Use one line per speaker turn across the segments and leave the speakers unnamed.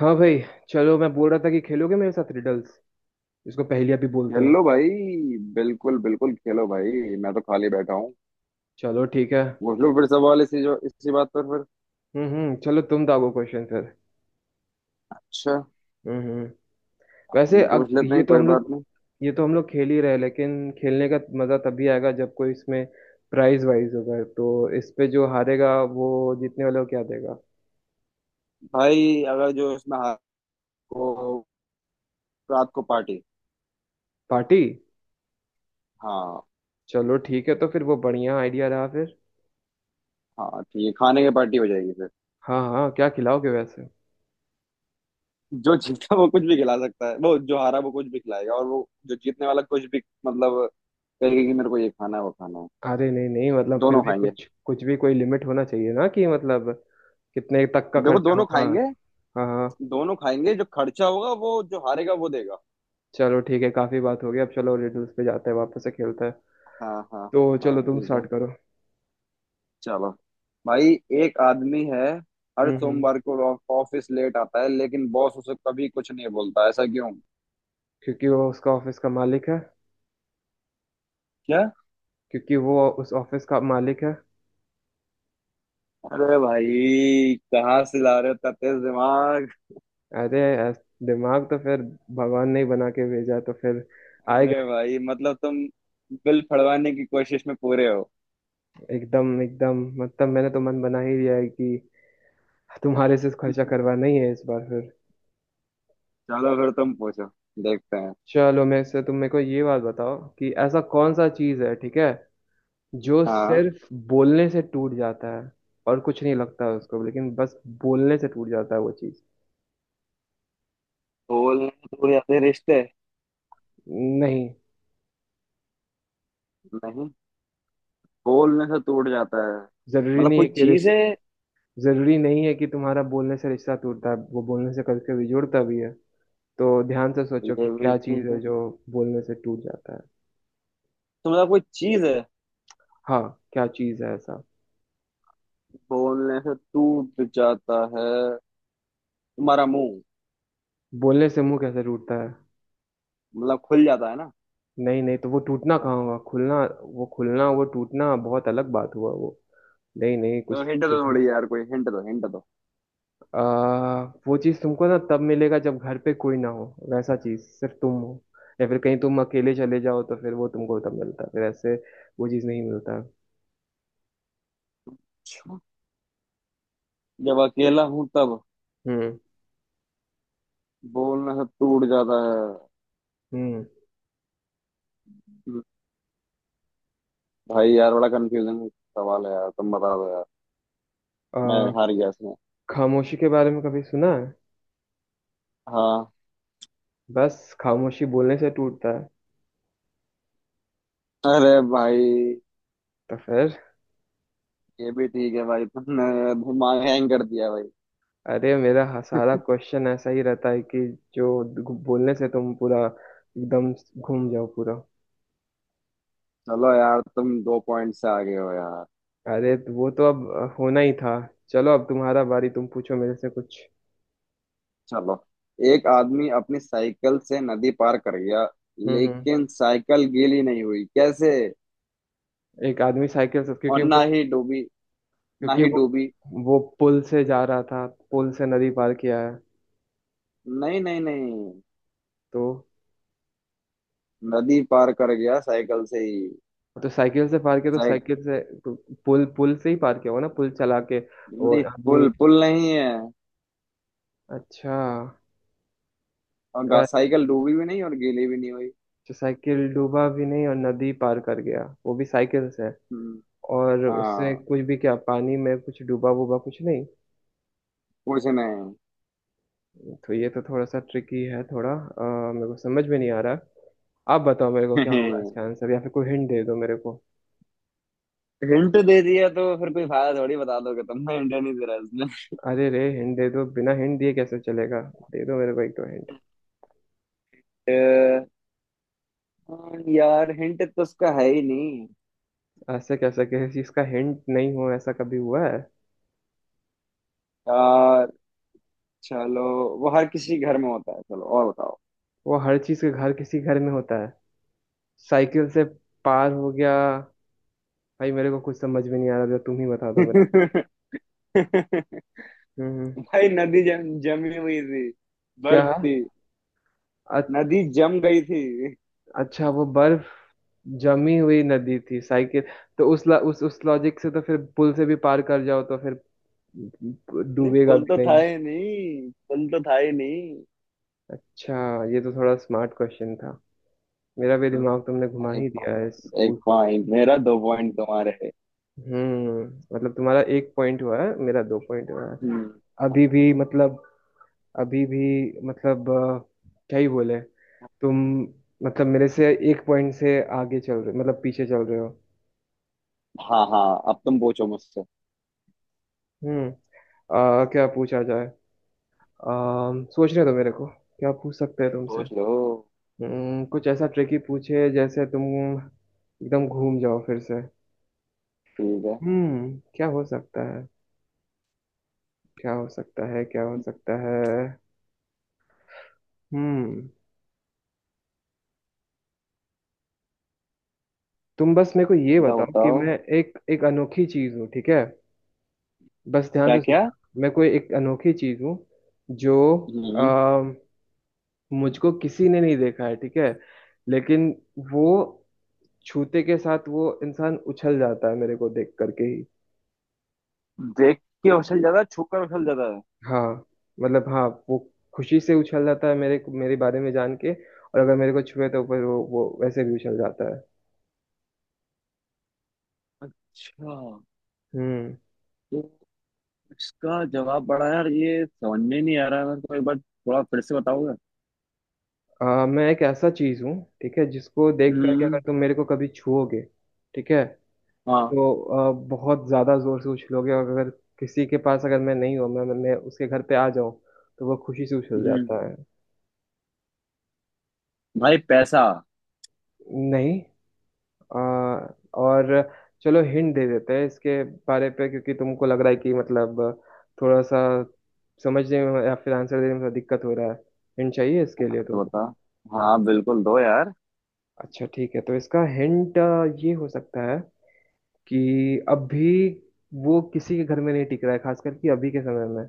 हाँ भाई। चलो, मैं बोल रहा था कि खेलोगे मेरे साथ रिडल्स। इसको पहेलियाँ भी बोलते हैं।
खेलो भाई। बिल्कुल बिल्कुल खेलो भाई। मैं तो खाली बैठा हूँ।
चलो ठीक है। हम्म।
पूछ लो फिर सवाल इसी जो इसी बात पर फिर।
हम्म, चलो तुम दागो क्वेश्चन फिर।
अच्छा।
हम्म। वैसे
हम पूछ लेते
ये
हैं,
तो
कोई
हम
बात
लोग,
नहीं।
ये तो हम लोग खेल ही रहे, लेकिन खेलने का मजा तभी आएगा जब कोई इसमें प्राइज वाइज होगा। तो इस पे जो हारेगा वो जीतने वाले को क्या देगा?
भाई अगर जो इसमें हार को रात को पार्टी।
पार्टी।
हाँ।
चलो ठीक है, तो फिर वो बढ़िया आइडिया रहा फिर।
हाँ ठीक है, खाने की पार्टी हो जाएगी फिर।
हाँ हाँ, क्या खिलाओगे वैसे?
जो जीता वो कुछ भी खिला सकता है, वो जो हारा वो कुछ भी खिलाएगा। और वो जो जीतने वाला कुछ भी कहेगा कि मेरे को ये खाना है वो खाना है।
अरे नहीं नहीं, मतलब फिर
दोनों
भी
खाएंगे।
कुछ, कुछ भी कोई लिमिट होना चाहिए ना, कि मतलब कितने तक का
देखो,
खर्चा
दोनों
होगा।
खाएंगे।
हाँ हाँ।
दोनों खाएंगे, जो खर्चा होगा वो जो हारेगा वो देगा।
चलो ठीक है, काफी बात हो गई, अब चलो रिडल्स पे जाते हैं, वापस से खेलते हैं।
हाँ हाँ।
तो
हाँ
चलो तुम
ठीक है।
स्टार्ट करो।
चलो भाई। एक आदमी है, हर
हम्म हम्म।
सोमवार को ऑफिस लेट आता है, लेकिन बॉस उसे कभी कुछ नहीं बोलता। ऐसा क्यों?
क्योंकि वो उसका ऑफिस का मालिक है।
क्या?
क्योंकि वो उस ऑफिस का मालिक है।
अरे भाई कहाँ से ला रहे हो इतना तेज दिमाग!
अरे, दिमाग तो फिर भगवान ने ही बना के भेजा, तो फिर आएगा।
अरे भाई, तुम बिल फड़वाने की कोशिश में पूरे हो।
एकदम एकदम, मतलब मैंने तो मन बना ही लिया है कि तुम्हारे से खर्चा करवाना ही है इस बार फिर।
चलो फिर तुम पूछो, देखते हैं।
चलो, मेरे से तुम, मेरे को ये बात बताओ कि ऐसा कौन सा चीज है, ठीक है, जो
हाँ।
सिर्फ बोलने से टूट जाता है। और कुछ नहीं लगता है उसको, लेकिन बस बोलने से टूट जाता है वो चीज।
बोलने से टूट जाते हैं रिश्ते।
नहीं।
नहीं? बोलने से टूट जाता है।
जरूरी
मतलब
नहीं
कोई
है कि
चीज है।
रिश्ता, जरूरी नहीं है कि तुम्हारा बोलने से रिश्ता टूटता है। वो बोलने से कभी कभी जुड़ता भी है। तो ध्यान से सोचो कि
ये भी
क्या चीज
ठीक
है
है।
जो बोलने से टूट जाता है।
तो मतलब कोई चीज है
हाँ, क्या चीज है ऐसा?
बोलने से टूट जाता है। तुम्हारा मुंह।
बोलने से मुंह कैसे टूटता है?
मतलब खुल जाता है ना।
नहीं नहीं, तो वो टूटना
हाँ
कहाँ हुआ? खुलना, वो खुलना, वो टूटना बहुत अलग बात हुआ वो। नहीं नहीं
तो
कुछ।
हिंट दो थोड़ी यार। कोई हिंट दो, हिंट दो।
आ, वो चीज तुमको ना तब मिलेगा जब घर पे कोई ना हो। वैसा चीज सिर्फ तुम हो, या फिर कहीं तुम अकेले चले जाओ तो फिर वो तुमको तब मिलता है। फिर ऐसे वो चीज नहीं मिलता।
अच्छा। जब अकेला हूँ तब
हम्म।
बोलना सब टूट जाता है।
हम्म।
हम्म, भाई यार बड़ा कंफ्यूजिंग सवाल है यार, तुम बता दो यार। मैं
आ,
हार गया इसमें।
खामोशी के बारे में कभी सुना है?
हाँ।
बस खामोशी बोलने से टूटता है।
अरे भाई,
तो फिर।
ये भी ठीक है भाई, तुमने दिमाग हैंग कर दिया भाई।
अरे, सारा क्वेश्चन ऐसा ही रहता है कि बोलने से तुम पूरा एकदम घूम जाओ पूरा।
चलो यार, तुम दो पॉइंट से आगे हो यार।
अरे, तो वो तो अब होना ही था। चलो, अब तुम्हारा बारी, तुम पूछो मेरे से कुछ।
चलो। एक आदमी अपनी साइकिल से नदी पार कर गया,
हम्म हम्म।
लेकिन साइकिल गीली नहीं हुई। कैसे?
एक आदमी साइकिल से,
और
क्योंकि
ना
वो,
ही डूबी। ना
क्योंकि
ही डूबी।
वो पुल से जा रहा था, पुल से नदी पार किया है।
नहीं नहीं नहीं।
तो
नदी पार कर गया साइकिल से ही।
तो साइकिल से पार किया, तो
साइक
साइकिल से, तो पुल पुल से ही पार किया होगा ना, पुल चला के,
नहीं,
और आदमी।
पुल पुल नहीं है।
अच्छा।
और
तो
साइकिल डूबी भी नहीं और गीली भी नहीं हुई।
साइकिल डूबा भी नहीं और नदी पार कर गया वो भी साइकिल से,
हम्म,
और उससे
हाँ,
कुछ भी, क्या पानी में कुछ डूबा वूबा कुछ नहीं?
कुछ नहीं।
तो ये तो थोड़ा सा ट्रिकी है थोड़ा, मेरे को समझ में नहीं आ रहा। आप बताओ मेरे को क्या होगा इसका आंसर, या फिर कोई हिंट दे दो मेरे को।
हिंट दे दिया तो फिर कोई फायदा थोड़ी, बता दोगे तुम। हिंट नहीं दे रहा इसमें।
अरे रे, हिंट दे दो, बिना हिंट दिए कैसे चलेगा? दे दो मेरे को एक दो हिंट।
अ, यार हिंट तो उसका है ही नहीं
ऐसे कैसे किसी चीज का हिंट नहीं हो, ऐसा कभी हुआ है?
यार। चलो, वो हर किसी के घर में होता है। चलो और बताओ।
वो हर चीज के घर, किसी घर में होता है। साइकिल से पार हो गया। भाई, मेरे को कुछ समझ में नहीं आ रहा, जरा तुम ही बता दो मेरे को। हम्म।
भाई नदी जम जमी हुई थी,
क्या?
बर्फ थी।
अ-
नदी जम गई थी।
अच्छा, वो बर्फ जमी हुई नदी थी, साइकिल। तो उस लॉजिक से तो फिर पुल से भी पार कर जाओ तो फिर
नहीं,
डूबेगा
पुल
भी
तो था
नहीं।
ही नहीं, पुल तो था ही नहीं।
अच्छा। ये तो थोड़ा स्मार्ट क्वेश्चन था। मेरा भी
हम्म,
दिमाग तुमने घुमा
एक
ही दिया है इस
पॉइंट एक
पूछ।
पॉइंट, मेरा दो पॉइंट तुम्हारे।
हम्म। मतलब तुम्हारा एक पॉइंट हुआ है, मेरा दो पॉइंट हुआ है।
हम्म।
अभी भी मतलब, अभी भी मतलब क्या ही बोले तुम। मतलब मेरे से एक पॉइंट से आगे चल रहे, मतलब पीछे चल रहे हो।
हाँ हाँ, अब तुम पूछो मुझसे।
हम्म। क्या पूछा जाए? सोचने दो मेरे को क्या पूछ सकते हैं तुमसे।
सोच लो।
कुछ ऐसा ट्रिकी पूछे जैसे तुम एकदम घूम जाओ फिर से।
ठीक है।
हम्म, क्या हो सकता है? क्या हो सकता है? क्या हो सकता है? हम्म। तुम बस मेरे को ये
बताओ
बताओ कि
बताओ।
मैं एक एक अनोखी चीज हूँ, ठीक है। बस ध्यान
क्या
से
क्या?
सुनना। मैं कोई एक अनोखी चीज हूँ जो,
हम्म।
आ, मुझको किसी ने नहीं देखा है, ठीक है, लेकिन वो छूते के साथ वो इंसान उछल जाता है, मेरे को देख करके ही।
देख के उछल जाता है, छू कर उछल जाता है।
हाँ, मतलब हाँ, वो खुशी से उछल जाता है मेरे मेरे बारे में जान के, और अगर मेरे को छुए तो फिर वो वैसे भी उछल जाता है।
अच्छा।
हम्म।
तो इसका जवाब बड़ा यार, ये समझ में नहीं आ रहा है मेरे को, एक बार थोड़ा फिर से बताओगे?
मैं एक ऐसा चीज हूँ, ठीक है, जिसको देख करके, अगर
हम्म।
तुम मेरे को कभी छुओगे, ठीक है,
हाँ।
तो बहुत ज़्यादा ज़ोर से उछलोगे, और अगर किसी के पास अगर मैं नहीं हूँ, मैं उसके घर पे आ जाऊँ तो वो खुशी से उछल
हम्म।
जाता है।
भाई पैसा?
नहीं। अ, और, चलो हिंट दे देते हैं इसके बारे पे, क्योंकि तुमको लग रहा है कि मतलब थोड़ा सा समझने में या फिर आंसर देने में थोड़ा दिक्कत हो रहा है, हिंट चाहिए इसके लिए
हाँ तो
तुमको।
बता। हाँ बिल्कुल दो यार।
अच्छा ठीक है, तो इसका हिंट ये हो सकता है कि अभी वो किसी के घर में नहीं टिक रहा है, खास करके अभी के समय में।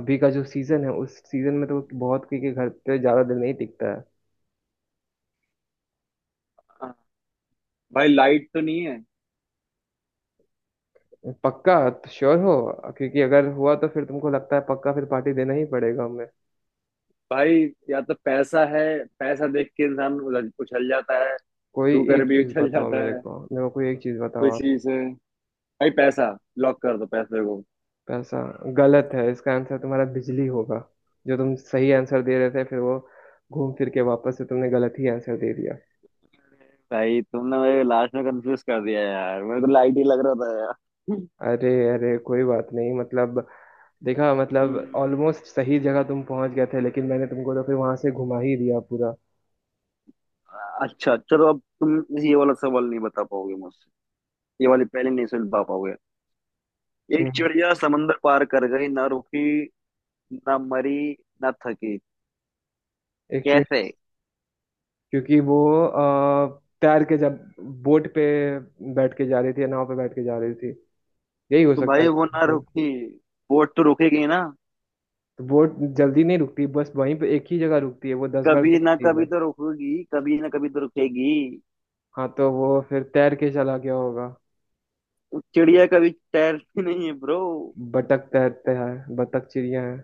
अभी का जो सीजन है, उस सीजन में तो बहुत किसी के घर पे ज्यादा दिन नहीं टिकता है।
हाँ, भाई लाइट तो नहीं है?
पक्का तो श्योर हो, क्योंकि अगर हुआ तो फिर तुमको लगता है, पक्का फिर पार्टी देना ही पड़ेगा हमें।
भाई या तो पैसा है, पैसा देख के इंसान उछल जाता है।
कोई
छू कर
एक
भी
चीज
उछल
बताओ
जाता
मेरे
है।
को, मेरे को कोई एक चीज बताओ
कोई
आप।
चीज है। भाई पैसा। लॉक कर दो पैसे को।
पैसा गलत है, इसका आंसर तुम्हारा बिजली होगा। जो तुम सही आंसर दे रहे थे, फिर वो घूम फिर के वापस से तुमने गलत ही आंसर दे दिया।
भाई तुमने मेरे लास्ट में कंफ्यूज कर दिया यार, मेरे को लाइट ही लग रहा था यार।
अरे अरे, कोई बात नहीं, मतलब, देखा मतलब
हम्म,
ऑलमोस्ट सही जगह तुम पहुंच गए थे, लेकिन मैंने तुमको तो फिर वहां से घुमा ही दिया पूरा।
अच्छा चलो, अब तुम ये वाला सवाल नहीं बता पाओगे मुझसे। ये वाली पहले नहीं सुलझा पाओगे। एक
हम्म।
चिड़िया समंदर पार कर गई, ना रुकी, ना मरी, ना थकी।
एक,
कैसे?
क्योंकि वो, तैर के, जब बोट पे बैठ के जा रही थी, या नाव पे बैठ के जा रही थी, यही हो
तो
सकता
भाई
है।
वो ना
सर,
रुकी। बोट तो रुकेगी ना?
तो बोट जल्दी नहीं रुकती, बस वहीं पे एक ही जगह रुकती है, वो 10 बार नहीं
कभी ना
रुकती है
कभी
बस।
तो रुकेगी, कभी ना कभी तो रुकेगी।
हाँ, तो वो फिर तैर के चला गया होगा।
उस चिड़िया कभी तैरती नहीं है ब्रो।
बतख तैरते हैं, बतख चिड़िया है।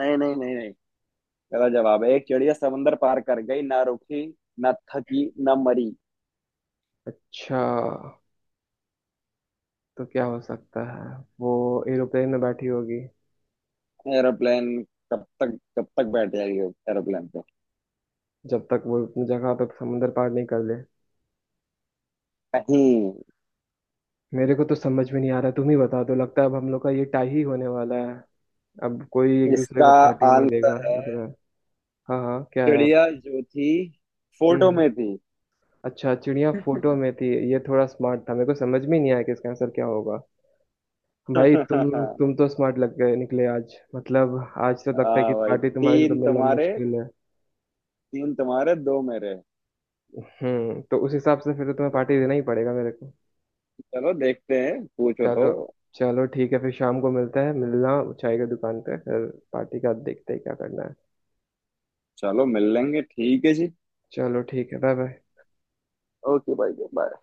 नहीं नहीं नहीं नहीं। गलत जवाब है। एक चिड़िया समंदर पार कर गई, ना रुकी, ना थकी, ना मरी।
अच्छा, तो क्या हो सकता है, वो एरोप्लेन में बैठी होगी,
एरोप्लेन? कब तक बैठ जाएगी एरोप्लेन पे?
जब तक वो अपनी जगह पे समुंदर पार नहीं कर ले।
नहीं।
मेरे को तो समझ में नहीं आ रहा, तुम ही बता दो। लगता है अब हम लोग का ये टाई ही होने वाला है, अब कोई एक दूसरे
इसका
को पार्टी नहीं देगा
आंसर है,
लग रहा है। हाँ हाँ, क्या है?
चिड़िया जो थी,
हम्म
फोटो
हम्म।
में थी।
अच्छा, चिड़िया फोटो में थी। ये थोड़ा स्मार्ट था, मेरे को समझ में नहीं आया कि इसका आंसर क्या होगा। भाई, तुम तो स्मार्ट लग गए, निकले आज, मतलब आज तो लगता है कि
हाँ भाई,
पार्टी तुम्हारे से तो मिलना मुश्किल है।
तीन तुम्हारे, दो मेरे।
हम्म, तो उस हिसाब से फिर तो तुम्हें पार्टी देना ही पड़ेगा मेरे को।
चलो देखते हैं, पूछो
चलो।
तो।
चलो ठीक है, फिर शाम को मिलते हैं, मिलना चाय की दुकान पे फिर, पार्टी का देखते हैं क्या करना है।
चलो मिल लेंगे, ठीक है जी।
चलो ठीक है, बाय बाय।
ओके भाई, बाय।